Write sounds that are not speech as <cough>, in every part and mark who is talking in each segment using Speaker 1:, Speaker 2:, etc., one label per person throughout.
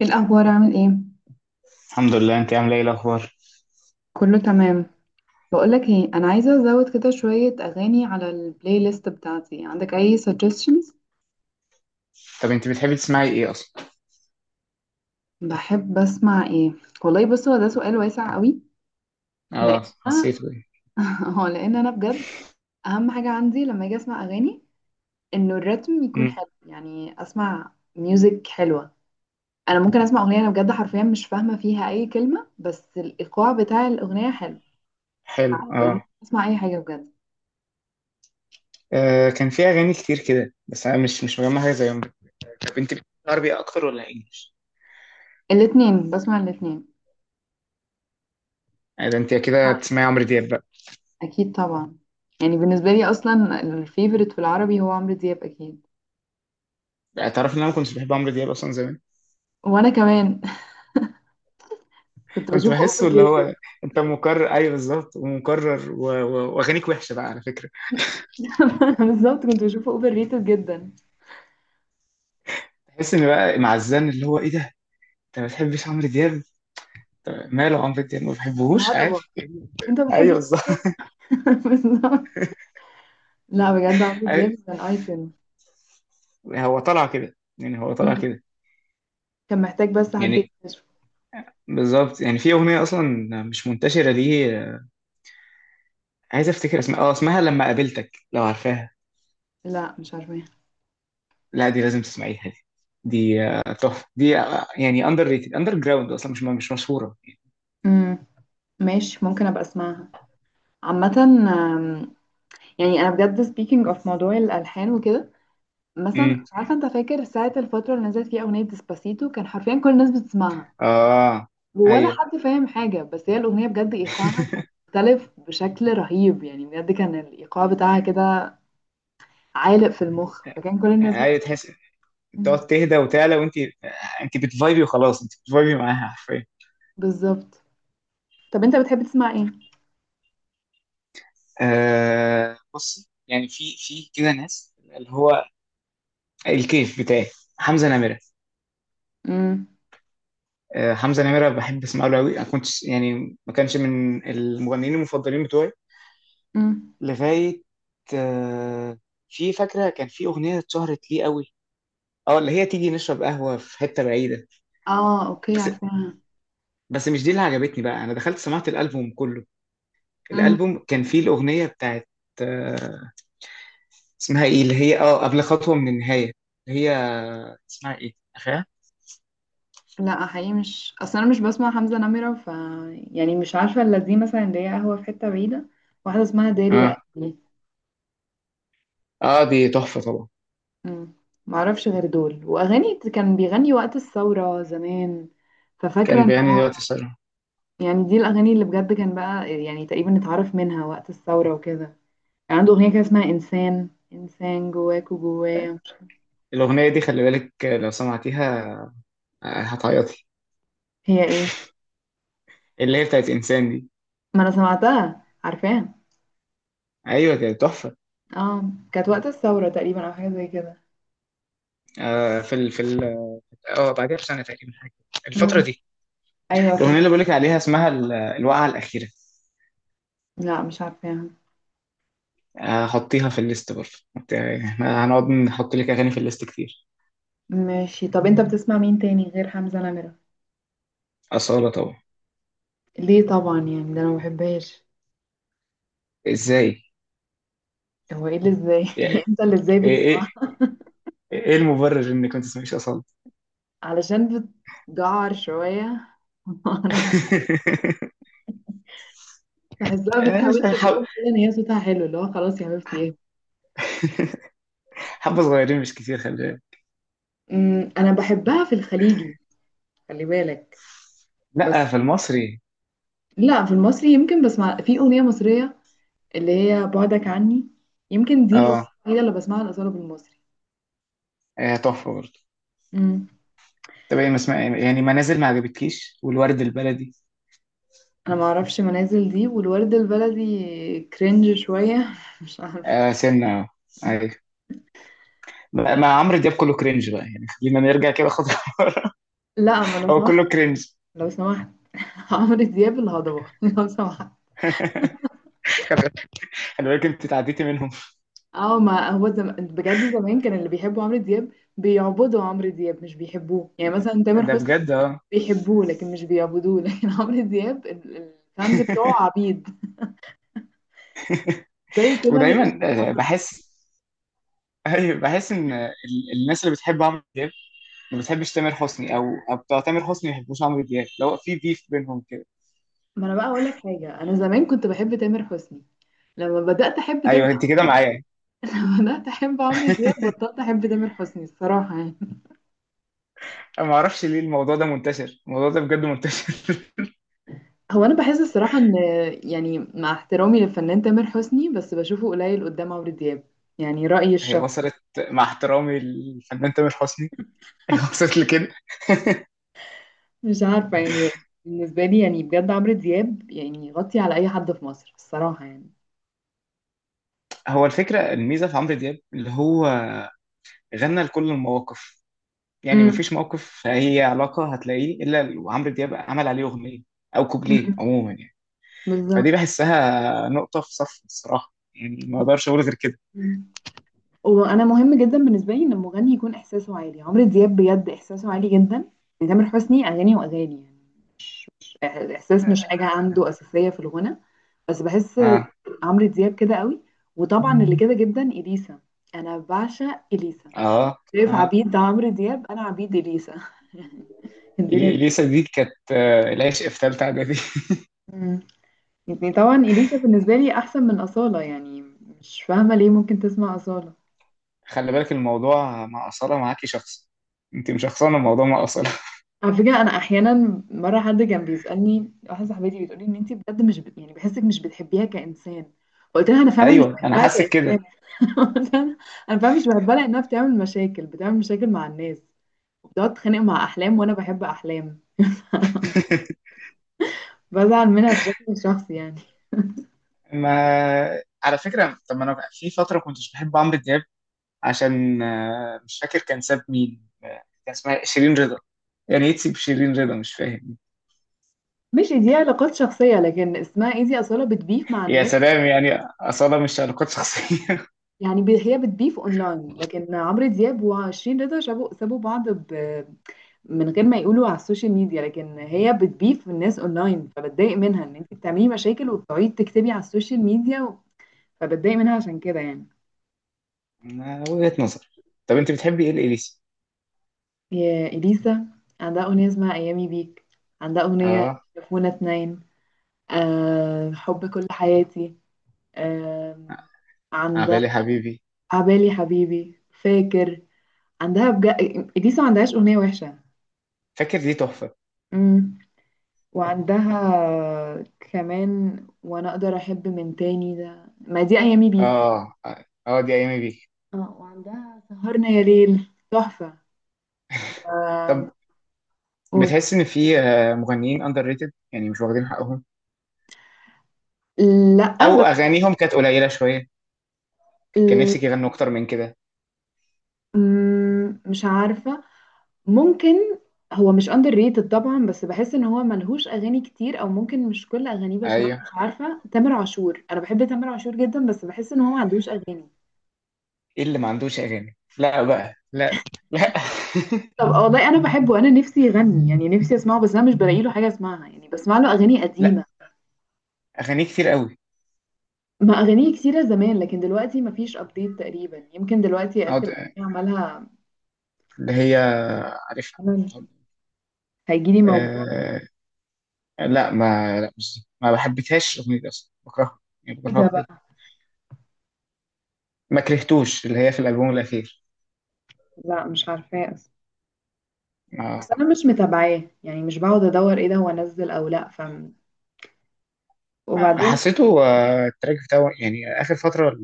Speaker 1: ايه الاخبار؟ عامل ايه؟
Speaker 2: الحمد لله، انت عامله ايه الاخبار؟
Speaker 1: كله تمام. بقولك ايه، انا عايزه ازود كده شويه اغاني على البلاي ليست بتاعتي. عندك اي suggestions؟
Speaker 2: طب انت بتحبي تسمعي ايه اصلا؟
Speaker 1: بحب اسمع ايه؟ والله بص، هو ده سؤال واسع قوي. لان
Speaker 2: اه،
Speaker 1: انا
Speaker 2: حسيته ايه؟
Speaker 1: <laughs> هو لان انا بجد اهم حاجه عندي لما اجي اسمع اغاني انه الريتم يكون
Speaker 2: امم.
Speaker 1: حلو، يعني اسمع ميوزك حلوه. انا ممكن اسمع اغنيه انا بجد حرفيا مش فاهمه فيها اي كلمه، بس الايقاع بتاع الاغنيه حلو.
Speaker 2: حلو،
Speaker 1: انا
Speaker 2: اه.
Speaker 1: ممكن اسمع اي حاجه بجد.
Speaker 2: آه، كان في اغاني كتير كده، بس انا مش مجمع حاجه زيهم. طب انت بتحبي عربي اكتر ولا انجلش؟
Speaker 1: الاتنين، بسمع الاتنين.
Speaker 2: آه، ده انت كده بتسمعي عمرو دياب بقى.
Speaker 1: اكيد طبعا، يعني بالنسبه لي اصلا الفيفوريت في العربي هو عمرو دياب اكيد.
Speaker 2: لا، تعرف ان انا ما كنتش بحب عمرو دياب اصلا زمان.
Speaker 1: وانا كمان. <laughs> كنت
Speaker 2: كنت
Speaker 1: بشوفه
Speaker 2: بحسه
Speaker 1: اوفر
Speaker 2: اللي
Speaker 1: ريتد.
Speaker 2: هو. انت مكرر، ايوه بالظبط، ومكرر، واغانيك وحشه بقى على فكره.
Speaker 1: <laughs> بالظبط، كنت بشوفه اوفر ريتد جدا.
Speaker 2: تحس ان بقى معزان، اللي هو ايه ده. انت ما بتحبش عمرو دياب؟ طب ماله عمرو دياب، ما بحبهوش
Speaker 1: الهضبه،
Speaker 2: عادي.
Speaker 1: انت ما
Speaker 2: <laughs> ايوه،
Speaker 1: بتحبش
Speaker 2: بالظبط.
Speaker 1: الهضبة؟ <laughs> بالظبط. لا بجد عمرو
Speaker 2: أيوة،
Speaker 1: دياب كان ايكون.
Speaker 2: هو طالع كده، يعني هو طالع كده.
Speaker 1: كان محتاج بس حد
Speaker 2: يعني
Speaker 1: يكتشفه.
Speaker 2: بالظبط، يعني في اغنيه اصلا مش منتشره دي، عايز افتكر اسمها، لما قابلتك، لو عارفاها؟
Speaker 1: لا مش عارفه.
Speaker 2: لا، دي لازم تسمعيها دي. دي تحفه، دي يعني اندر ريتد اندر جراوند اصلا مش مشهوره.
Speaker 1: امم، ماشي ممكن ابقى اسمعها. عامه، يعني انا بجد speaking of موضوع الالحان وكده. مثلا،
Speaker 2: امم.
Speaker 1: مش عارفه انت فاكر ساعه الفتره اللي نزلت فيها اغنيه ديسباسيتو كان حرفيا كل الناس بتسمعها،
Speaker 2: اه.
Speaker 1: ولا
Speaker 2: ايوه،
Speaker 1: حد فاهم حاجة، بس هي الأغنية بجد إيقاعها كان مختلف بشكل رهيب. يعني بجد كان الإيقاع بتاعها كده عالق في المخ، فكان كل الناس
Speaker 2: ايوه،
Speaker 1: بت...
Speaker 2: تحس
Speaker 1: مم.
Speaker 2: تقعد تهدى وتعلى، وانت انت بتفايبي وخلاص، انت بتفايبي معاها حرفيا.
Speaker 1: بالظبط. طب أنت بتحب تسمع إيه؟
Speaker 2: آه، بص، يعني في كده ناس اللي هو الكيف بتاعي، حمزه نمره.
Speaker 1: مم.
Speaker 2: آه، حمزة نمرة بحب اسمع له قوي، انا كنت يعني ما كانش من المغنيين المفضلين بتوعي،
Speaker 1: مم.
Speaker 2: لغاية آه، في فاكرة كان في أغنية اتشهرت ليه قوي، اه اللي هي تيجي نشرب قهوة في حتة بعيدة.
Speaker 1: آه أوكي
Speaker 2: بس
Speaker 1: عارفاها.
Speaker 2: بس مش دي اللي عجبتني بقى، انا دخلت سمعت الألبوم كله.
Speaker 1: مم.
Speaker 2: الألبوم كان فيه الأغنية بتاعت آه، اسمها ايه، اللي هي قبل خطوة من النهاية، اللي هي اسمها ايه، اخيرا.
Speaker 1: لا حقيقي مش، أصل أنا مش بسمع حمزة نمرة، ف يعني مش عارفة إلا دي مثلا اللي هي قهوة في حتة بعيدة، واحدة اسمها داري يا
Speaker 2: اه.
Speaker 1: قلبي.
Speaker 2: اه، دي تحفة طبعا.
Speaker 1: مم. معرفش غير دول وأغاني كان بيغني وقت الثورة زمان. ففاكرة
Speaker 2: كان
Speaker 1: إن،
Speaker 2: بيعني دلوقتي الصراحة.
Speaker 1: يعني دي الأغاني اللي بجد كان بقى يعني تقريبا اتعرف منها وقت الثورة وكده. يعني عنده أغنية كده اسمها إنسان، إنسان جواك وجوايا، مش عارفة.
Speaker 2: الأغنية دي خلي بالك، لو سمعتيها هتعيطي.
Speaker 1: هي إيه؟
Speaker 2: اللي هي بتاعت انسان دي.
Speaker 1: ما أنا سمعتها عارفاها.
Speaker 2: ايوه، كانت تحفه.
Speaker 1: اه كانت وقت الثورة تقريبا أو حاجة زي كده.
Speaker 2: آه في ال في ال اه بعدها بسنه تقريبا حاجه، الفتره
Speaker 1: مم.
Speaker 2: دي.
Speaker 1: أيوة
Speaker 2: الاغنيه اللي بقولك عليها اسمها الوقعه الاخيره.
Speaker 1: لا مش عارفاها.
Speaker 2: آه، هحطيها في الليست برضه. حط- احنا هنقعد نحط لك اغاني في الليست كتير.
Speaker 1: ماشي، طب أنت بتسمع مين تاني غير حمزة نمرة؟
Speaker 2: اصاله طبعا.
Speaker 1: ليه طبعا؟ يعني ده أنا ما بحبهاش.
Speaker 2: ازاي؟
Speaker 1: هو إيه اللي إزاي؟
Speaker 2: يعني،
Speaker 1: <laughs> أنت اللي إزاي
Speaker 2: ايه
Speaker 1: بتسمع؟
Speaker 2: ايه ايه المبرر انك ما تسمعيش اصاله؟
Speaker 1: علشان بتجعر شوية. <laughs>
Speaker 2: <laughs>
Speaker 1: بحسها بتحاول
Speaker 2: آه،
Speaker 1: تبروك كده ان هي صوتها حلو، اللي هو خلاص يا حبيبتي ايه.
Speaker 2: حبه صغيرين، مش كتير، خلي بالك.
Speaker 1: أمم، انا بحبها في الخليجي، خلي بالك.
Speaker 2: لا،
Speaker 1: بس
Speaker 2: في المصري.
Speaker 1: لا، في المصري يمكن بسمع في اغنيه مصريه اللي هي بعدك عني. يمكن دي الاغنيه
Speaker 2: اه.
Speaker 1: الوحيده اللي بسمعها الاصاله بالمصري.
Speaker 2: آه، تحفه برضه.
Speaker 1: امم.
Speaker 2: طب ايه ما اسمع، يعني منازل ما عجبتكيش، والورد البلدي؟
Speaker 1: انا ما اعرفش منازل دي والورد البلدي. كرنج شويه، <laughs> مش عارفه.
Speaker 2: آه، سنة، آه. أيوة. ما عمرو دياب كله كرنج بقى، يعني خلينا نرجع كده خطوة.
Speaker 1: لا ما، لو
Speaker 2: <laughs> هو
Speaker 1: سمحت،
Speaker 2: كله كرنج.
Speaker 1: لو سمحت. <laughs> عمرو دياب الهضبه، <laughs> لو سمحت.
Speaker 2: خلي بالك، انت تعديتي منهم.
Speaker 1: اه، ما هو بجد زمان كان اللي بيحبوا عمرو دياب بيعبدوا عمرو دياب، مش بيحبوه. يعني مثلا تامر
Speaker 2: ده
Speaker 1: حسني
Speaker 2: بجد، اه.
Speaker 1: بيحبوه، لكن مش بيعبدوه. لكن <laughs> عمرو دياب الفانز بتوعه عبيد، زي كده اللي
Speaker 2: ودايما،
Speaker 1: بيشجعوا
Speaker 2: آه،
Speaker 1: برشلونة.
Speaker 2: بحس. أيوة، بحس ان الناس اللي بتحب عمرو دياب ما بتحبش تامر حسني، او بتوع تامر حسني ما بيحبوش عمرو دياب، لو في بيف بينهم كده.
Speaker 1: ما انا بقى اقول لك حاجه، انا زمان كنت بحب تامر حسني. لما بدات احب تامر،
Speaker 2: ايوه، انت
Speaker 1: عمرو
Speaker 2: كده
Speaker 1: دياب.
Speaker 2: معايا.
Speaker 1: <laughs> لما بدات احب عمرو دياب
Speaker 2: <laughs>
Speaker 1: بطلت احب تامر حسني الصراحه يعني.
Speaker 2: انا ما اعرفش ليه الموضوع ده منتشر، الموضوع ده بجد منتشر. <laughs>
Speaker 1: هو انا بحس الصراحه ان، يعني مع احترامي للفنان تامر حسني، بس بشوفه قليل قدام عمرو دياب. يعني رايي
Speaker 2: هي
Speaker 1: الشخصي.
Speaker 2: وصلت. مع احترامي للفنان تامر حسني. <laughs> هي وصلت لكده.
Speaker 1: مش عارفة يعني. بالنسبة لي يعني بجد عمرو دياب يعني يغطي على أي حد في مصر الصراحة يعني.
Speaker 2: هو الفكره، الميزه في عمرو دياب اللي هو غنى لكل المواقف. يعني
Speaker 1: امم.
Speaker 2: مفيش موقف، هي علاقة، هتلاقيه إلا وعمرو دياب عمل عليه أغنية، أو كوبليه،
Speaker 1: أمم.
Speaker 2: عموما يعني. فدي
Speaker 1: بالظبط.
Speaker 2: بحسها نقطة في صف الصراحة، يعني ما أقدرش أقول غير كده.
Speaker 1: مم. وأنا مهم جدا بالنسبة لي إن المغني يكون إحساسه عالي. عمرو دياب بجد إحساسه عالي جدا. يعني تامر حسني أغاني وأغاني، يعني مش إحساس، مش حاجة عنده أساسية في الغنى. بس بحس
Speaker 2: آه،
Speaker 1: عمرو دياب كده قوي. وطبعا اللي كده جدا إليسا. أنا بعشق إليسا.
Speaker 2: آه،
Speaker 1: شايف
Speaker 2: آه.
Speaker 1: عبيد عمرو دياب، أنا عبيد إليسا. <laughs> الدنيا
Speaker 2: إليسا دي كانت العشق في تالتة إعدادي. <laughs>
Speaker 1: كده. يعني طبعا إليسا بالنسبة لي أحسن من أصالة يعني. مش فاهمة ليه ممكن تسمع أصالة.
Speaker 2: خلي بالك، الموضوع مع أصالة معاكي شخص. أنت مش شخصانة، الموضوع مع أصالة.
Speaker 1: على فكرة، أنا أحيانا مرة حد كان بيسألني، واحدة صاحبتي بتقولي إن أنتي بجد مش بت... يعني بحسك مش بتحبيها كإنسان. فقلت لها أنا
Speaker 2: <laughs>
Speaker 1: فعلا مش
Speaker 2: أيوه، أنا
Speaker 1: بحبها
Speaker 2: حاسس كده.
Speaker 1: كإنسان. <laughs> قلت لها أنا فعلا مش بحبها، لأنها بتعمل مشاكل، بتعمل مشاكل مع الناس، وبتقعد تتخانق مع أحلام، وأنا بحب أحلام.
Speaker 2: <laughs>
Speaker 1: بزعل منها بشكل شخصي يعني.
Speaker 2: ما على فكرة، طب ما أنا في فترة كنتش بحب عمرو دياب، عشان مش فاكر كان ساب مين، كان اسمها شيرين رضا. يعني ايه تسيب شيرين رضا، مش فاهم.
Speaker 1: مش دي علاقات شخصية، لكن اسمها إيه، دي أصالة بتبيف مع
Speaker 2: يا
Speaker 1: الناس.
Speaker 2: سلام، يعني أصالة مش علاقات شخصية. <laughs>
Speaker 1: يعني هي بتبيف اونلاين، لكن عمرو دياب وشيرين رضا سابوا بعض، ب... من غير ما يقولوا على السوشيال ميديا. لكن هي بتبيف الناس اونلاين، فبتضايق منها ان انت بتعملي مشاكل وبتقعدي تكتبي على السوشيال ميديا و... فبتضايق منها عشان كده يعني.
Speaker 2: آه، وجهة نظر. طب انت بتحبي ايه الإليسي؟
Speaker 1: يا اليسا، عندها اغنيه اسمها ايامي بيك. عندها اغنيه
Speaker 2: اه،
Speaker 1: شافونا اتنين. أه... حب كل حياتي. أه... عندها
Speaker 2: عبالي حبيبي،
Speaker 1: عبالي حبيبي، فاكر. عندها بجد، اليسا ما عندهاش اغنيه وحشه.
Speaker 2: فاكر، دي تحفة.
Speaker 1: مم. وعندها كمان وانا اقدر احب من تاني. ده ما دي ايامي بيك.
Speaker 2: اه. اه، دي ايامي بيك.
Speaker 1: اه وعندها سهرنا يا ليل تحفة. آم،
Speaker 2: طب
Speaker 1: قول.
Speaker 2: بتحس ان في مغنيين اندر ريتد، يعني مش واخدين حقهم،
Speaker 1: لا
Speaker 2: او
Speaker 1: بس
Speaker 2: اغانيهم كانت قليلة شوية، كان نفسك
Speaker 1: ال-
Speaker 2: يغنوا اكتر من كده؟
Speaker 1: مم، مش عارفة. ممكن. هو مش اندر ريتد طبعا، بس بحس ان هو ملهوش اغاني كتير، او ممكن مش كل اغانيه بسمعها.
Speaker 2: ايوه،
Speaker 1: مش عارفة، تامر عاشور، انا بحب تامر عاشور جدا، بس بحس ان هو ما عندوش اغاني.
Speaker 2: ايه اللي ما عندوش اغاني؟ لا بقى، لا. لا. <laughs>
Speaker 1: طب والله انا بحبه، انا نفسي يغني، يعني نفسي اسمعه بس انا مش بلاقي له حاجة اسمعها، يعني بسمع له اغاني قديمة.
Speaker 2: اغاني كتير قوي.
Speaker 1: ما أغانيه كتيرة زمان، لكن دلوقتي مفيش أبديت تقريبا. يمكن دلوقتي
Speaker 2: اقعد
Speaker 1: آخر أغنية عملها،
Speaker 2: اللي هي عارفها.
Speaker 1: عمل هيجيلي موجوع.
Speaker 2: أه. لا، ما لا، مش دي. ما بحبتهاش الاغنيه دي اصلا، بكرهها، يعني
Speaker 1: ايه
Speaker 2: بكرهها
Speaker 1: ده
Speaker 2: بجد.
Speaker 1: بقى؟
Speaker 2: ما كرهتوش اللي هي في الالبوم الاخير؟
Speaker 1: لا مش عارفاه أصلا،
Speaker 2: ما
Speaker 1: بس أنا مش متابعاه يعني، مش بقعد أدور ايه ده هو نزل أو لأ. ف وبعدين
Speaker 2: حسيته التراك بتاعه، يعني اخر فتره،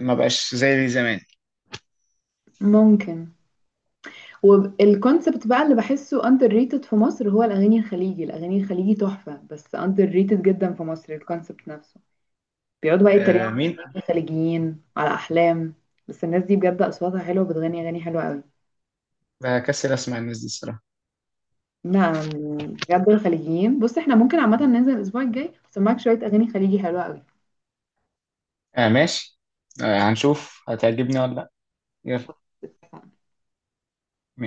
Speaker 2: ما بقاش زي زمان.
Speaker 1: ممكن. والكونسبت بقى اللي بحسه أندر ريتد في مصر، هو الأغاني الخليجي. الأغاني الخليجي تحفة، بس أندر ريتد جدا في مصر الكونسبت نفسه. بيقعدوا بقى
Speaker 2: أه،
Speaker 1: يتريقوا على
Speaker 2: مين؟
Speaker 1: الخليجيين، على أحلام. بس الناس دي بجد أصواتها حلوة، بتغني أغاني حلوة أوي.
Speaker 2: بكسل اسمع الناس دي الصراحه.
Speaker 1: نعم؟ بجد الخليجيين، بص احنا ممكن عامة ننزل الأسبوع الجاي أسمعك شوية أغاني خليجي حلوة
Speaker 2: أه، ماشي. أه، هنشوف هتعجبني ولا لا. يلا.
Speaker 1: أوي.